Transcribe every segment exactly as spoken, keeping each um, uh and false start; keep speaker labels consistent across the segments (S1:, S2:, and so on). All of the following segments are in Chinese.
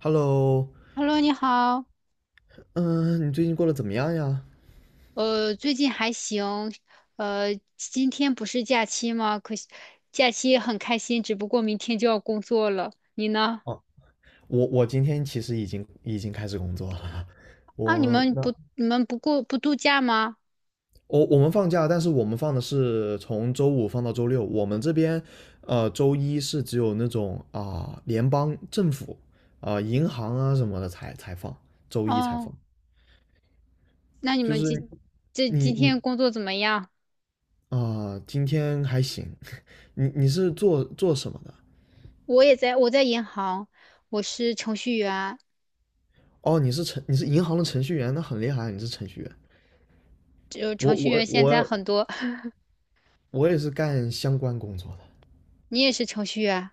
S1: Hello,
S2: Hello，你好，
S1: 嗯，你最近过得怎么样呀？
S2: 呃，最近还行，呃，今天不是假期吗？可惜假期很开心，只不过明天就要工作了。你呢？
S1: 哦，我我今天其实已经已经开始工作了。
S2: 啊，你
S1: 我
S2: 们
S1: 那
S2: 不，你们不过不度假吗？
S1: 我我们放假，但是我们放的是从周五放到周六。我们这边，呃，周一是只有那种啊、联邦政府啊、银行啊什么的才才放，周一才放。
S2: 哦，那你
S1: 就
S2: 们今
S1: 是
S2: 这
S1: 你
S2: 今
S1: 你
S2: 天工作怎么样？
S1: 啊、今天还行。你你是做做什么的？
S2: 我也在，我在银行，我是程序员，
S1: 哦，你是程你是银行的程序员，那很厉害，你是程序员。
S2: 就程
S1: 我
S2: 序
S1: 我
S2: 员现在很
S1: 我
S2: 多。
S1: 我也是干相关工作的，
S2: 你也是程序员，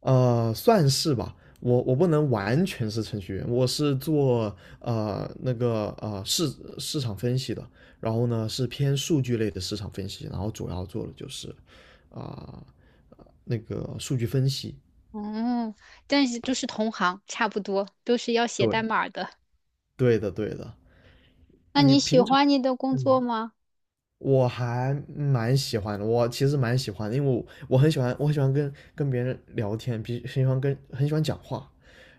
S1: 呃，算是吧。我我不能完全是程序员，我是做呃那个呃市市场分析的，然后呢是偏数据类的市场分析，然后主要做的就是啊、呃那个数据分析。
S2: 哦，但是都是同行，差不多，都是要写
S1: 对，
S2: 代码的。
S1: 对的对的，
S2: 那
S1: 你
S2: 你喜
S1: 平常
S2: 欢你的工作
S1: 嗯
S2: 吗？
S1: 我还蛮喜欢的，我其实蛮喜欢的因为我我很喜欢，我很喜欢跟跟别人聊天，比很喜欢跟很喜欢讲话。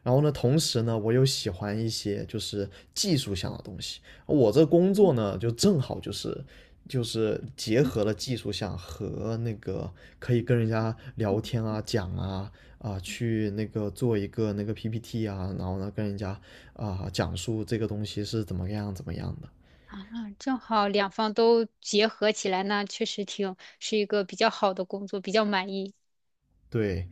S1: 然后呢，同时呢，我又喜欢一些就是技术项的东西。我这工作呢，就正好就是就是结合了技术项和那个可以跟人家聊天啊、讲啊啊、呃去那个做一个那个 P P T 啊，然后呢跟人家啊、呃讲述这个东西是怎么样怎么样的。
S2: 正好两方都结合起来，那确实挺是一个比较好的工作，比较满意。
S1: 对，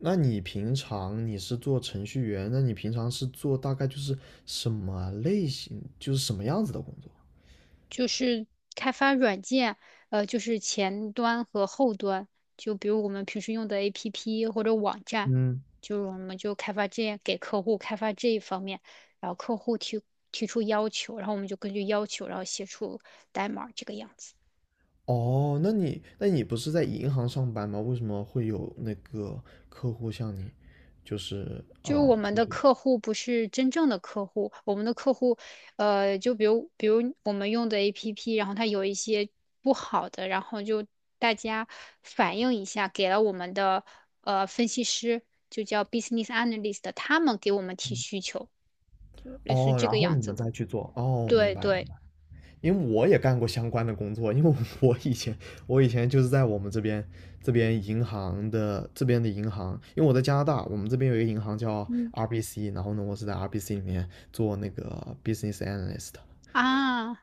S1: 那你平常你是做程序员，那你平常是做大概就是什么类型，就是什么样子的工作？
S2: 就是开发软件，呃，就是前端和后端，就比如我们平时用的 A P P 或者网站，
S1: 嗯，
S2: 就是我们就开发这样给客户开发这一方面，然后客户提提出要求，然后我们就根据要求，然后写出代码这个样子。
S1: 哦，那你那你不是在银行上班吗？为什么会有那个客户向你就是
S2: 就是我
S1: 啊、
S2: 们
S1: 提
S2: 的
S1: 出？
S2: 客户不是真正的客户，我们的客户，呃，就比如比如我们用的 A P P，然后它有一些不好的，然后就大家反映一下，给了我们的呃分析师，就叫 business analyst，他们给我们提需求，就类似于
S1: 哦，
S2: 这
S1: 然
S2: 个
S1: 后
S2: 样
S1: 你
S2: 子
S1: 们
S2: 的。
S1: 再去做。哦，明
S2: 对
S1: 白明
S2: 对，
S1: 白。因为我也干过相关的工作，因为我以前我以前就是在我们这边这边银行的这边的银行，因为我在加拿大，我们这边有一个银行叫
S2: 嗯
S1: R B C,然后呢，我是在 R B C 里面做那个 business analyst。
S2: 啊，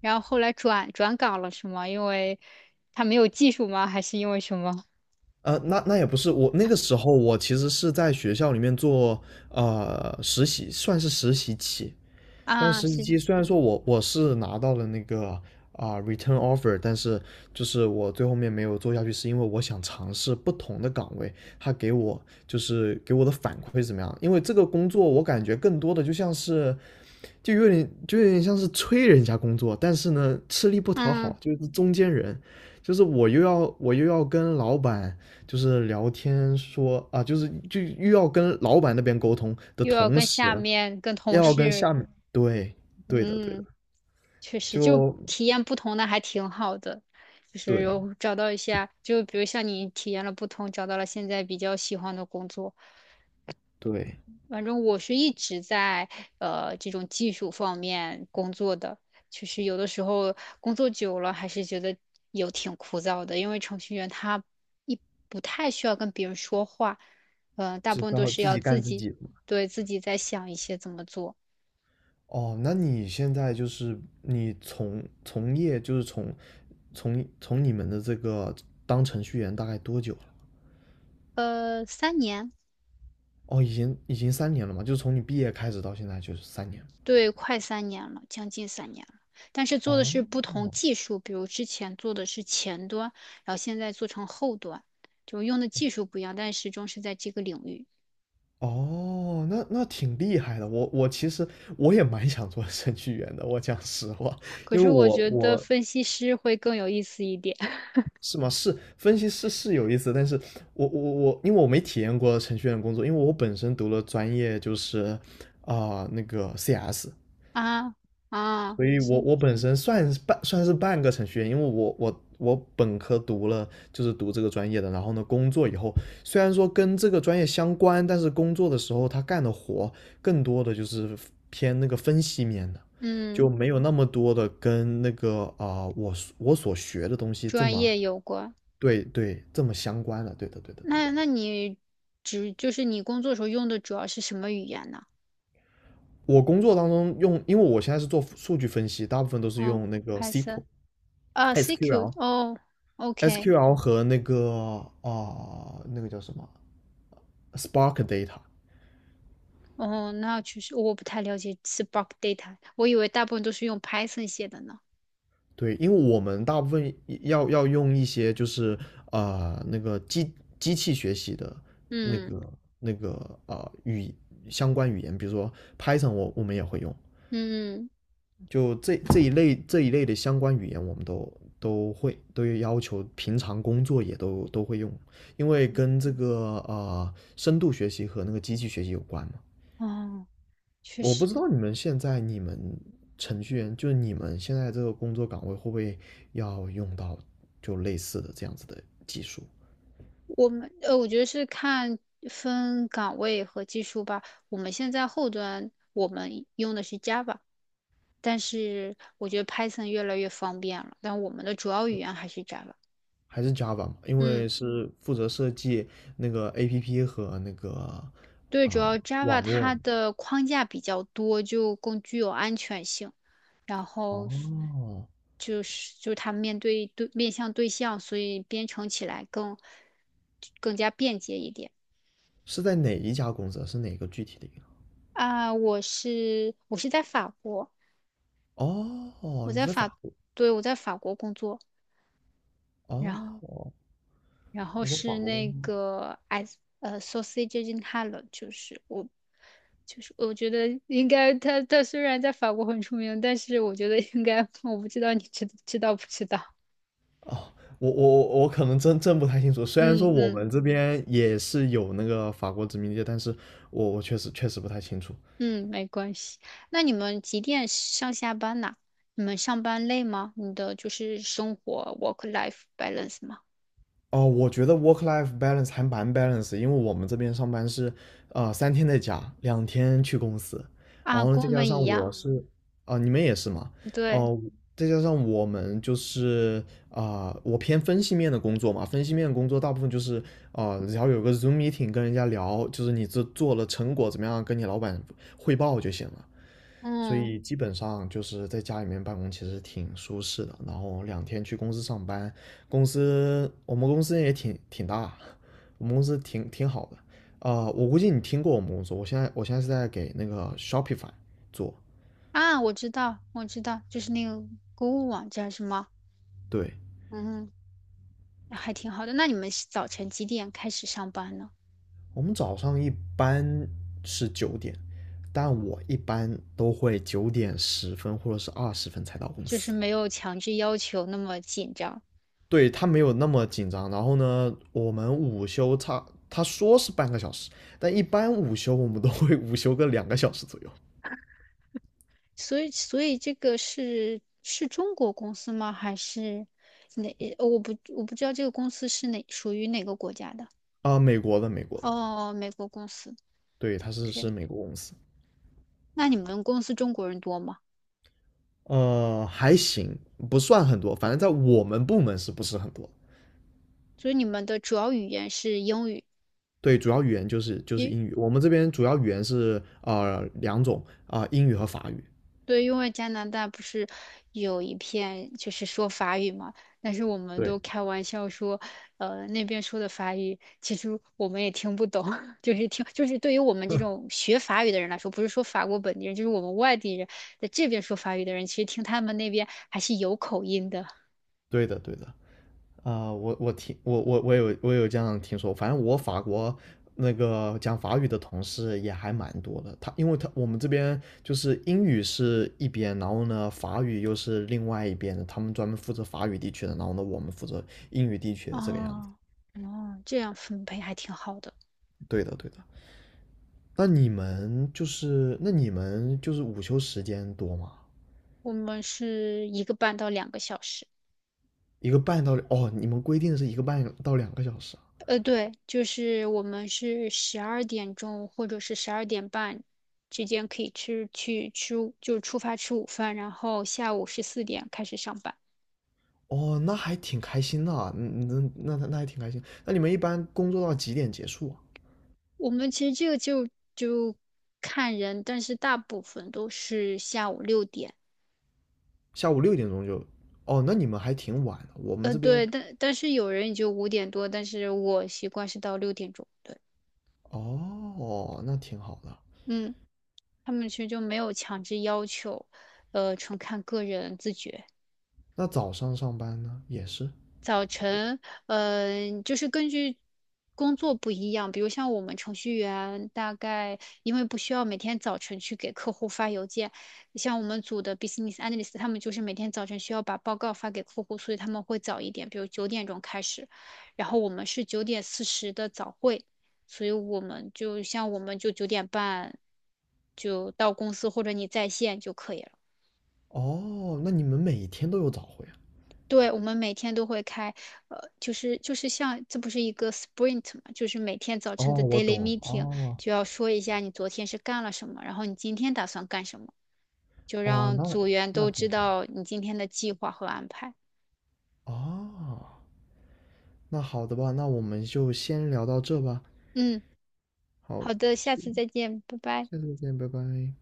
S2: 然后后来转转岗了是吗？因为他没有技术吗？还是因为什么？
S1: 呃，那那也不是我那个时候，我其实是在学校里面做呃实习，算是实习期。算
S2: 啊，
S1: 实习
S2: 是，
S1: 机，虽然说我我是拿到了那个啊、return offer,但是就是我最后面没有做下去，是因为我想尝试不同的岗位，他给我就是给我的反馈是怎么样？因为这个工作我感觉更多的就像是就有点就有点像是催人家工作，但是呢吃力不讨好，
S2: 嗯，
S1: 就是中间人，就是我又要我又要跟老板就是聊天说啊，就是就又要跟老板那边沟通的
S2: 又要
S1: 同
S2: 跟
S1: 时。
S2: 下面跟同
S1: 要跟
S2: 事，
S1: 下面，对，对的，对的，
S2: 嗯，确实，就
S1: 就
S2: 体验不同的还挺好的，就是
S1: 对
S2: 有找到一下，就比如像你体验了不同，找到了现在比较喜欢的工作。
S1: 对，
S2: 反正我是一直在呃这种技术方面工作的，就是有的时候工作久了还是觉得有挺枯燥的，因为程序员他一不太需要跟别人说话，嗯、大
S1: 只
S2: 部分
S1: 需
S2: 都
S1: 要
S2: 是
S1: 自
S2: 要
S1: 己
S2: 自
S1: 干自
S2: 己
S1: 己的嘛。
S2: 对自己在想一些怎么做。
S1: 哦，那你现在就是你从从业就是从从从你们的这个当程序员大概多久了？
S2: 呃，三年。
S1: 哦，已经已经三年了嘛，就是从你毕业开始到现在就是三年。
S2: 对，快三年了，将近三年了。但是做的
S1: 哦
S2: 是不同技术，比如之前做的是前端，然后现在做成后端，就用的技术不一样，但始终是在这个领域。
S1: 哦，那那挺厉害的。我我其实我也蛮想做程序员的，我讲实话，
S2: 可
S1: 因
S2: 是
S1: 为
S2: 我
S1: 我
S2: 觉得
S1: 我
S2: 分析师会更有意思一点。
S1: 是吗？是分析师是有意思，但是我我我，因为我没体验过程序员的工作，因为我本身读了专业就是啊、呃那个 C S,
S2: 啊啊，
S1: 所以我
S2: 是，
S1: 我本身算是半算是半个程序员，因为我我我本科读了就是读这个专业的，然后呢工作以后虽然说跟这个专业相关，但是工作的时候他干的活更多的就是偏那个分析面的。
S2: 嗯，
S1: 就没有那么多的跟那个啊、呃我我所学的东西这
S2: 专
S1: 么
S2: 业有关。
S1: 对对，这么相关的，对的对的对的。
S2: 那那你只就是你工作时候用的主要是什么语言呢？
S1: 我工作当中用，因为我现在是做数据分析，大部分都是
S2: 嗯
S1: 用那个
S2: ，Python 啊
S1: SQL、
S2: ，C Q
S1: SQL、
S2: 哦，OK。
S1: S Q L 和那个啊、呃那个叫什么 Spark Data。
S2: 哦，那确实我不太了解 Spark Data，我以为大部分都是用 Python 写的呢。
S1: 对，因为我们大部分要要用一些就是啊呃那个机机器学习的那
S2: 嗯
S1: 个那个啊、呃语相关语言，比如说 Python,我我们也会用，
S2: 嗯，
S1: 就这这一类这一类的相关语言，我们都都会都要求，平常工作也都都会用，因为跟这个呃深度学习和那个机器学习有关嘛。
S2: 哦，确
S1: 我不
S2: 实，
S1: 知道你们现在你们程序员，就是你们现在这个工作岗位会不会要用到就类似的这样子的技术，
S2: 我们呃，我觉得是看分岗位和技术吧。我们现在后端我们用的是 Java，但是我觉得 Python 越来越方便了，但我们的主要语言还是 Java。
S1: 还是 Java 嘛？因
S2: 嗯。
S1: 为是负责设计那个 A P P 和那个
S2: 对，主要
S1: 啊、
S2: Java
S1: 网络
S2: 它
S1: 嘛
S2: 的框架比较多，就更具有安全性。然后
S1: 哦，
S2: 就是就是它面对对面向对象，所以编程起来更更加便捷一点。
S1: 是在哪一家公司啊是哪个具体的银行？
S2: 啊，我是我是在法国，
S1: 哦，
S2: 我
S1: 你是
S2: 在
S1: 在
S2: 法，
S1: 法国？
S2: 对，我在法国工作。然后。
S1: 哦，
S2: 然后
S1: 你在法
S2: 是
S1: 国公司？
S2: 那个 as 呃 s a u s a g e in h a l l e 就是我就是我觉得应该，他他虽然在法国很出名，但是我觉得应该我不知道你知知道不知道？
S1: 哦，我我我可能真真不太清楚。虽然说
S2: 嗯
S1: 我
S2: 嗯
S1: 们这边也是有那个法国殖民地，但是我我确实确实不太清楚。
S2: 嗯，没关系。那你们几点上下班呐？你们上班累吗？你的就是生活 work life balance 吗？
S1: 哦，我觉得 work life balance 还蛮 balance,因为我们这边上班是，呃，三天在家，两天去公司，然
S2: 啊，
S1: 后呢，
S2: 跟
S1: 再
S2: 我
S1: 加
S2: 们一
S1: 上我
S2: 样。
S1: 是，啊、你们也是嘛，
S2: 对，
S1: 哦、再加上我们就是，啊、我偏分析面的工作嘛，分析面的工作大部分就是，啊、只要有个 Zoom meeting 跟人家聊，就是你这做了成果怎么样，跟你老板汇报就行了，所
S2: 嗯
S1: 以基本上就是在家里面办公，其实挺舒适的。然后两天去公司上班，公司我们公司也挺挺大，我们公司挺挺好的。啊、我估计你听过我们公司，我现在我现在是在给那个 Shopify 做。
S2: 啊，我知道，我知道，就是那个购物网站是吗？
S1: 对，
S2: 嗯。还挺好的。那你们是早晨几点开始上班呢？
S1: 我们早上一般是九点，但我一般都会九点十分或者是二十分才到公
S2: 就是
S1: 司。
S2: 没有强制要求那么紧张。
S1: 对他没有那么紧张。然后呢，我们午休差他说是半个小时，但一般午休我们都会 午休个两个小时左右
S2: 所以所以这个是是中国公司吗？还是哪？呃我不我不知道这个公司是哪属于哪个国家的。
S1: 啊。呃美国的，美国的，
S2: 哦，美国公司。
S1: 对，他是
S2: OK，
S1: 是美国公司，
S2: 那你们公司中国人多吗？
S1: 呃，还行，不算很多，反正在我们部门是不是很多？
S2: 所以你们的主要语言是英语，
S1: 对，主要语言就是就是
S2: 因
S1: 英语，我们这边主要语言是呃两种啊、呃英语和法语。
S2: 对，因为加拿大不是有一片就是说法语嘛，但是我们
S1: 对，
S2: 都开玩笑说，呃，那边说的法语其实我们也听不懂。就是听，就是对于我们这种学法语的人来说，不是说法国本地人，就是我们外地人在这边说法语的人，其实听他们那边还是有口音的。
S1: 对的，对的。啊、我我听我我我有我有这样听说，反正我法国那个讲法语的同事也还蛮多的。他因为他我们这边就是英语是一边，然后呢法语又是另外一边的，他们专门负责法语地区的，然后呢我们负责英语地区的这个样子。
S2: 哦，哦，这样分配还挺好的。
S1: 对的，对的。那你们就是那你们就是午休时间多吗？
S2: 我们是一个半到两个小时。
S1: 一个半到哦，你们规定的是一个半到两个小时啊
S2: 呃，对，就是我们是十二点钟或者是十二点半之间可以吃去吃午就出发吃午饭，然后下午十四点开始上班。
S1: 哦，那还挺开心的啊，嗯嗯，那那那还挺开心。那你们一般工作到几点结束啊？
S2: 我们其实这个就就看人，但是大部分都是下午六点。
S1: 下午六点钟就，哦，那你们还挺晚的。我们
S2: 呃，
S1: 这
S2: 对，
S1: 边，
S2: 但但是有人也就五点多，但是我习惯是到六点钟。对，
S1: 哦，那挺好的。
S2: 嗯，他们其实就没有强制要求，呃，纯看个人自觉。
S1: 那早上上班呢，也是。
S2: 早晨，嗯、就是根据工作不一样，比如像我们程序员，大概因为不需要每天早晨去给客户发邮件，像我们组的 business analyst，他们就是每天早晨需要把报告发给客户，所以他们会早一点，比如九点钟开始，然后我们是九点四十的早会，所以我们就像我们就九点半就到公司或者你在线就可以了。
S1: 哦，那你们每天都有早会啊？
S2: 对，我们每天都会开，呃，就是就是像这不是一个 sprint 嘛，就是每天早晨的
S1: 哦，我
S2: daily
S1: 懂。
S2: meeting
S1: 哦
S2: 就要说一下你昨天是干了什么，然后你今天打算干什么，就
S1: 哦，
S2: 让
S1: 那
S2: 组员
S1: 那
S2: 都
S1: 挺
S2: 知
S1: 好。
S2: 道你今天的计划和安排。
S1: 哦，那好的吧，那我们就先聊到这吧。
S2: 嗯，
S1: 好，
S2: 好的，下
S1: 下
S2: 次再见，拜拜。
S1: 下次再见，拜拜。